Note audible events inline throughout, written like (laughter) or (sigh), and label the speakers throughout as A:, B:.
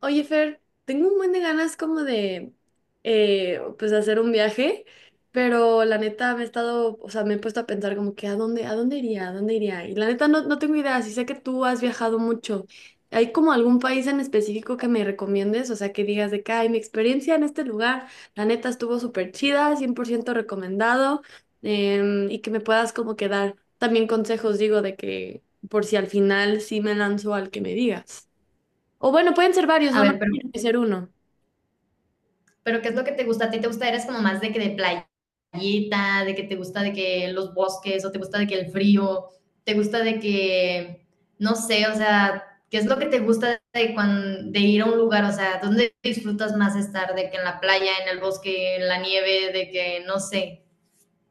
A: Oye, Fer, tengo un buen de ganas como de, pues, hacer un viaje, pero la neta me he estado, o sea, me he puesto a pensar como que, a dónde iría? ¿A dónde iría? Y la neta no, no tengo idea, sí sé que tú has viajado mucho. ¿Hay como algún país en específico que me recomiendes? O sea, que digas de que, ay, mi experiencia en este lugar, la neta estuvo súper chida, 100% recomendado, y que me puedas como que dar también consejos, digo, de que, por si al final sí me lanzo al que me digas. O bueno, pueden ser varios,
B: A
A: no, no
B: ver, pero,
A: tiene que ser uno.
B: ¿qué es lo que te gusta? ¿A ti te gusta? ¿Eres como más de que de playita, de que te gusta de que los bosques, o te gusta de que el frío, te gusta de que, no sé, o sea, ¿qué es lo que te gusta de, de ir a un lugar? O sea, ¿dónde disfrutas más estar? ¿De que en la playa, en el bosque, en la nieve, de que, no sé?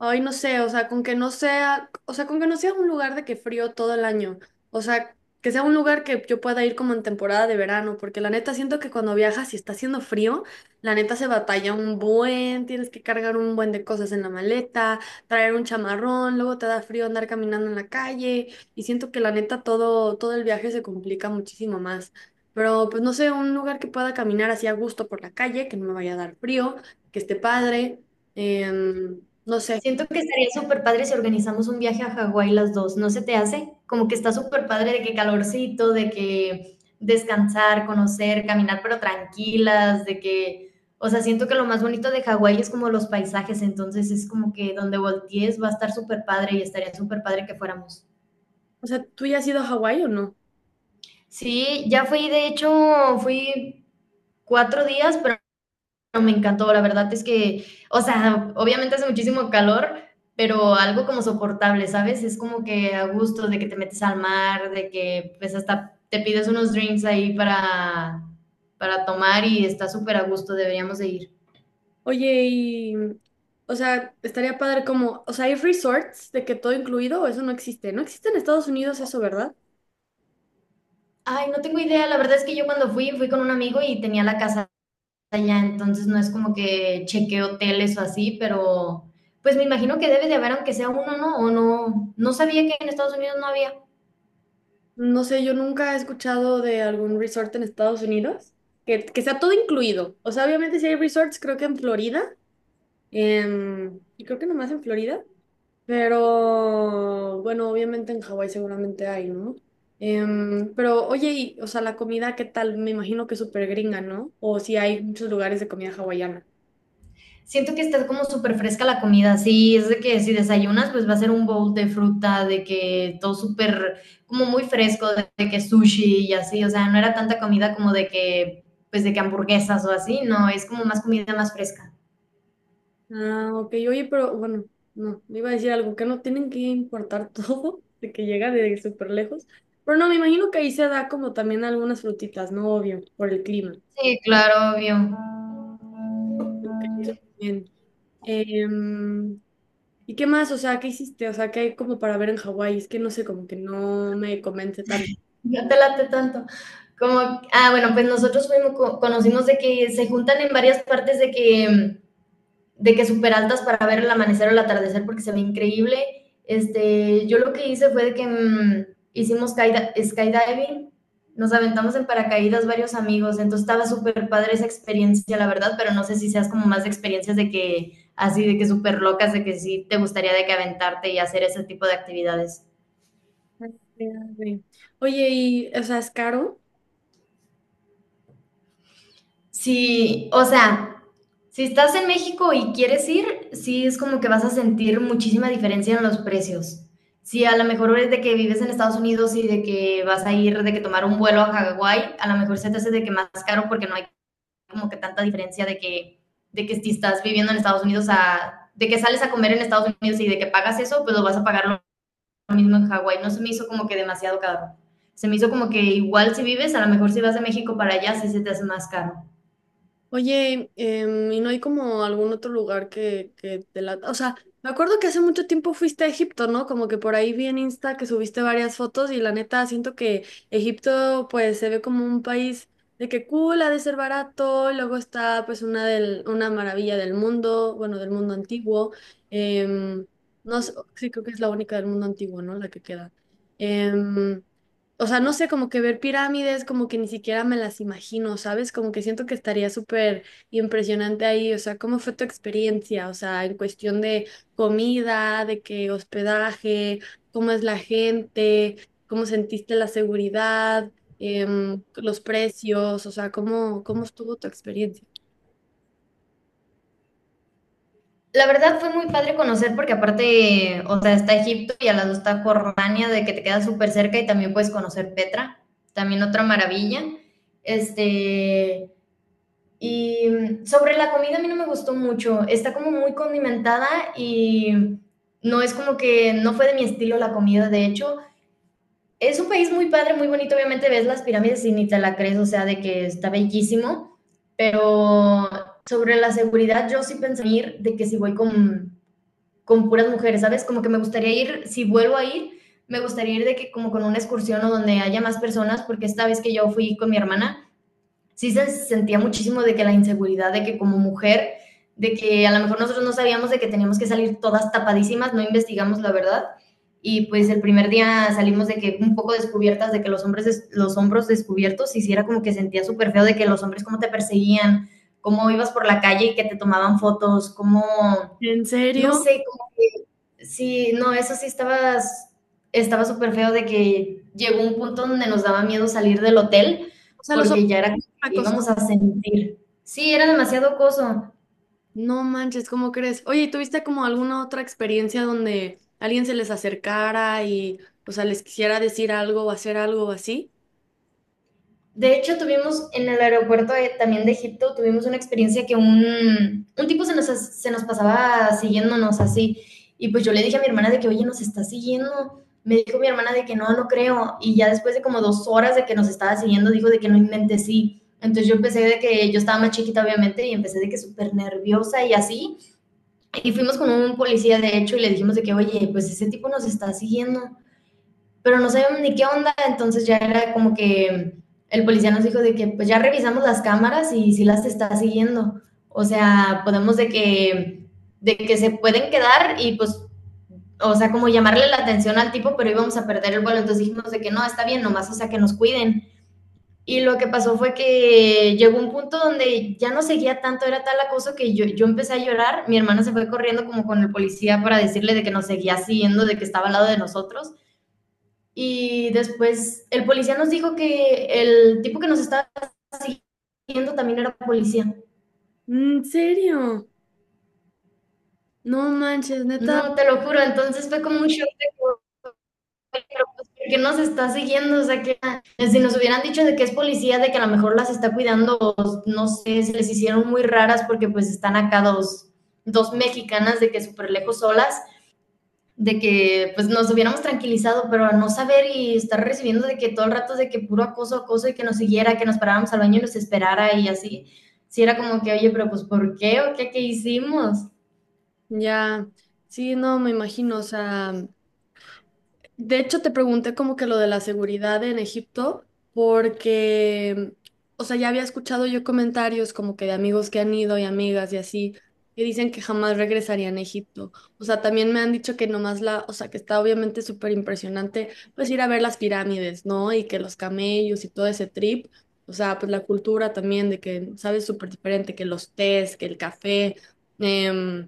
A: Ay, no sé, o sea, con que no sea, o sea, con que no sea un lugar de que frío todo el año, o sea, que sea un lugar que yo pueda ir como en temporada de verano, porque la neta siento que cuando viajas y está haciendo frío, la neta se batalla un buen, tienes que cargar un buen de cosas en la maleta, traer un chamarrón, luego te da frío andar caminando en la calle, y siento que la neta todo, todo el viaje se complica muchísimo más. Pero pues no sé, un lugar que pueda caminar así a gusto por la calle, que no me vaya a dar frío, que esté padre, no sé.
B: Siento que estaría súper padre si organizamos un viaje a Hawái las 2. ¿No se te hace? Como que está súper padre de que calorcito, de que descansar, conocer, caminar, pero tranquilas, de que, o sea, siento que lo más bonito de Hawái es como los paisajes, entonces es como que donde voltees va a estar súper padre y estaría súper padre que fuéramos.
A: O sea, ¿tú ya has ido a Hawái o no?
B: Sí, ya fui, de hecho, fui 4 días, pero me encantó. La verdad es que, o sea, obviamente hace muchísimo calor, pero algo como soportable, ¿sabes? Es como que a gusto de que te metes al mar, de que pues hasta te pides unos drinks ahí para tomar y está súper a gusto, deberíamos de ir.
A: Oye, y, o sea, estaría padre como, o sea, ¿hay resorts de que todo incluido o eso no existe? No existe en Estados Unidos eso, ¿verdad?
B: Ay, no tengo idea, la verdad es que yo cuando fui, fui con un amigo y tenía la casa allá, entonces no es como que chequeé hoteles o así, pero pues me imagino que debe de haber aunque sea uno, ¿no? O no, no sabía que en Estados Unidos no había.
A: No sé, yo nunca he escuchado de algún resort en Estados Unidos que sea todo incluido. O sea, obviamente si hay resorts, creo que en Florida, y creo que nomás en Florida, pero bueno, obviamente en Hawái seguramente hay, ¿no? Pero oye, y, o sea, la comida, ¿qué tal? Me imagino que es súper gringa, ¿no? O si hay muchos lugares de comida hawaiana.
B: Siento que está como súper fresca la comida, sí, es de que si desayunas, pues va a ser un bowl de fruta, de que todo súper, como muy fresco, de que sushi y así, o sea, no era tanta comida como de que, pues de que hamburguesas o así, no, es como más comida más fresca.
A: Ah, ok, oye, pero bueno, no, me iba a decir algo, que no tienen que importar (laughs) todo, de que llega de súper lejos. Pero no, me imagino que ahí se da como también algunas frutitas, ¿no? Obvio, por el clima.
B: Sí, claro, obvio.
A: Eso también. Em, ¿Y qué más? O sea, ¿qué hiciste? O sea, ¿qué hay como para ver en Hawái? Es que no sé, como que no me convence tanto.
B: No te late tanto. Como, ah, bueno, pues nosotros fuimos, conocimos de que se juntan en varias partes de que de que súper altas para ver el amanecer o el atardecer porque se ve increíble. Este, yo lo que hice fue de que hicimos skydiving, nos aventamos en paracaídas varios amigos, entonces estaba súper padre esa experiencia, la verdad, pero no sé si seas como más de experiencias de que así, de que súper locas, de que sí te gustaría de que aventarte y hacer ese tipo de actividades.
A: Ah, sí. Oye, y, o sea, ¿es caro?
B: Sí, o sea, si estás en México y quieres ir, sí es como que vas a sentir muchísima diferencia en los precios. Si a lo mejor es de que vives en Estados Unidos y de que vas a ir, de que tomar un vuelo a Hawái, a lo mejor se te hace de que más caro porque no hay como que tanta diferencia de que si estás viviendo en Estados Unidos, a, de que sales a comer en Estados Unidos y de que pagas eso, pues lo vas a pagar lo mismo en Hawái. No se me hizo como que demasiado caro. Se me hizo como que igual si vives, a lo mejor si vas de México para allá, sí se te hace más caro.
A: Oye, ¿y no hay como algún otro lugar que te la... O sea, me acuerdo que hace mucho tiempo fuiste a Egipto, ¿no? Como que por ahí vi en Insta que subiste varias fotos y la neta siento que Egipto pues se ve como un país de que cool, ha de ser barato, luego está pues una, del, una maravilla del mundo, bueno, del mundo antiguo. em, no sé, sí, creo que es la única del mundo antiguo, ¿no? La que queda. Em, o sea, no sé, como que ver pirámides, como que ni siquiera me las imagino, ¿sabes? Como que siento que estaría súper impresionante ahí, o sea, ¿cómo fue tu experiencia? O sea, en cuestión de comida, de qué hospedaje, cómo es la gente, cómo sentiste la seguridad, los precios, o sea, ¿cómo, cómo estuvo tu experiencia?
B: La verdad fue muy padre conocer porque aparte, o sea, está Egipto y al lado está Jordania, de que te queda súper cerca y también puedes conocer Petra, también otra maravilla. Este, y sobre la comida a mí no me gustó mucho, está como muy condimentada y no es como que no fue de mi estilo la comida, de hecho. Es un país muy padre, muy bonito, obviamente ves las pirámides y ni te la crees, o sea, de que está bellísimo, pero sobre la seguridad yo sí pensé ir de que si voy con puras mujeres, ¿sabes? Como que me gustaría ir, si vuelvo a ir, me gustaría ir de que como con una excursión o donde haya más personas, porque esta vez que yo fui con mi hermana, sí se sentía muchísimo de que la inseguridad, de que como mujer, de que a lo mejor nosotros no sabíamos de que teníamos que salir todas tapadísimas, no investigamos la verdad. Y pues el primer día salimos de que un poco descubiertas, de que los hombres, los hombros descubiertos, hiciera sí era como que sentía súper feo de que los hombres cómo te perseguían, cómo ibas por la calle y que te tomaban fotos, cómo
A: ¿En
B: no
A: serio?
B: sé, como que sí, no, eso sí estaba, estaba súper feo de que llegó un punto donde nos daba miedo salir del hotel
A: O sea, los
B: porque ya era como que
A: tacos.
B: íbamos a sentir. Sí, era demasiado coso.
A: No manches, ¿cómo crees? Oye, ¿y tuviste como alguna otra experiencia donde alguien se les acercara y, o sea, les quisiera decir algo o hacer algo así?
B: De hecho, tuvimos en el aeropuerto también de Egipto, tuvimos una experiencia que un tipo se nos pasaba siguiéndonos así. Y pues yo le dije a mi hermana de que, oye, nos está siguiendo. Me dijo mi hermana de que no, no creo. Y ya después de como 2 horas de que nos estaba siguiendo, dijo de que no inventé sí. Entonces yo empecé de que yo estaba más chiquita, obviamente, y empecé de que súper nerviosa y así. Y fuimos con un policía, de hecho, y le dijimos de que, oye, pues ese tipo nos está siguiendo pero no sabíamos ni qué onda, entonces ya era como que el policía nos dijo de que pues ya revisamos las cámaras y si las está siguiendo. O sea, podemos de que se pueden quedar y pues, o sea, como llamarle la atención al tipo, pero íbamos a perder el vuelo. Entonces dijimos de que no, está bien, nomás, o sea, que nos cuiden. Y lo que pasó fue que llegó un punto donde ya no seguía tanto, era tal acoso que yo empecé a llorar, mi hermana se fue corriendo como con el policía para decirle de que nos seguía siguiendo, de que estaba al lado de nosotros. Y después el policía nos dijo que el tipo que nos estaba siguiendo también era policía.
A: ¿En serio? No manches, neta.
B: No, te lo juro, entonces fue como un shock de pero pues, ¿nos está siguiendo? O sea, que si nos hubieran dicho de que es policía, de que a lo mejor las está cuidando, o no sé, se les hicieron muy raras porque pues están acá dos mexicanas de que súper lejos solas de que pues nos hubiéramos tranquilizado, pero no saber y estar recibiendo de que todo el rato de que puro acoso, acoso y que nos siguiera, que nos paráramos al baño y nos esperara y así. Si sí, era como que, oye, pero pues ¿por qué o qué, qué hicimos?
A: Ya, sí, no, me imagino, o sea, de hecho, te pregunté como que lo de la seguridad en Egipto, porque, o sea, ya había escuchado yo comentarios como que de amigos que han ido y amigas y así, que dicen que jamás regresarían a Egipto. O sea, también me han dicho que nomás la, o sea, que está obviamente súper impresionante, pues ir a ver las pirámides, ¿no? Y que los camellos y todo ese trip, o sea, pues la cultura también de que, ¿sabes? Súper diferente, que los tés, que el café. em,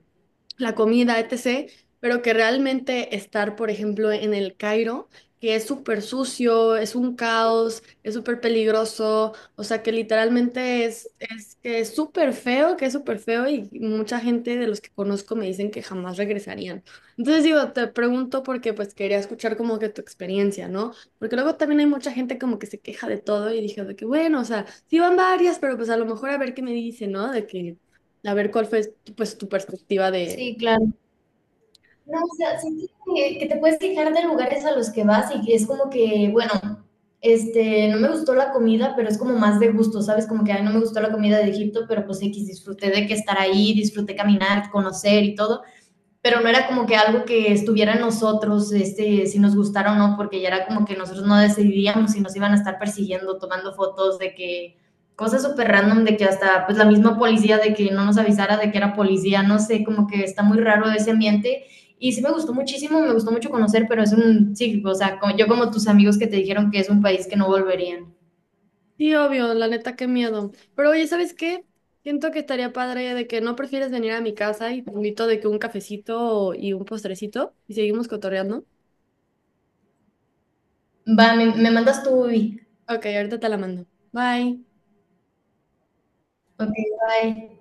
A: la comida, etc., pero que realmente estar, por ejemplo, en el Cairo, que es súper sucio, es un caos, es súper peligroso, o sea, que literalmente es que es súper feo, que es súper feo y mucha gente de los que conozco me dicen que jamás regresarían. Entonces digo, te pregunto porque pues quería escuchar como que tu experiencia, ¿no? Porque luego también hay mucha gente como que se queja de todo y dije de que bueno, o sea, sí van varias, pero pues a lo mejor a ver qué me dice, ¿no? De que a ver cuál fue pues tu perspectiva de,
B: Sí, claro. No, o sea, sí que te puedes quejar de lugares a los que vas y que es como que, bueno, este, no me gustó la comida, pero es como más de gusto, ¿sabes? Como que a no me gustó la comida de Egipto, pero pues X, disfruté de que estar ahí, disfruté caminar, conocer y todo pero no era como que algo que estuviera en nosotros, este, si nos gustara o no, porque ya era como que nosotros no decidíamos si nos iban a estar persiguiendo, tomando fotos de que cosas súper random, de que hasta pues la misma policía, de que no nos avisara de que era policía, no sé, como que está muy raro ese ambiente. Y sí me gustó muchísimo, me gustó mucho conocer, pero es un, sí, o sea, como, yo como tus amigos que te dijeron que es un país que no volverían.
A: sí, obvio, la neta, qué miedo. Pero oye, ¿sabes qué? Siento que estaría padre de que no prefieres venir a mi casa y te invito de que un cafecito y un postrecito y seguimos cotorreando.
B: Va, me mandas tú, Ubi.
A: Ok, ahorita te la mando. Bye.
B: Ok, bye.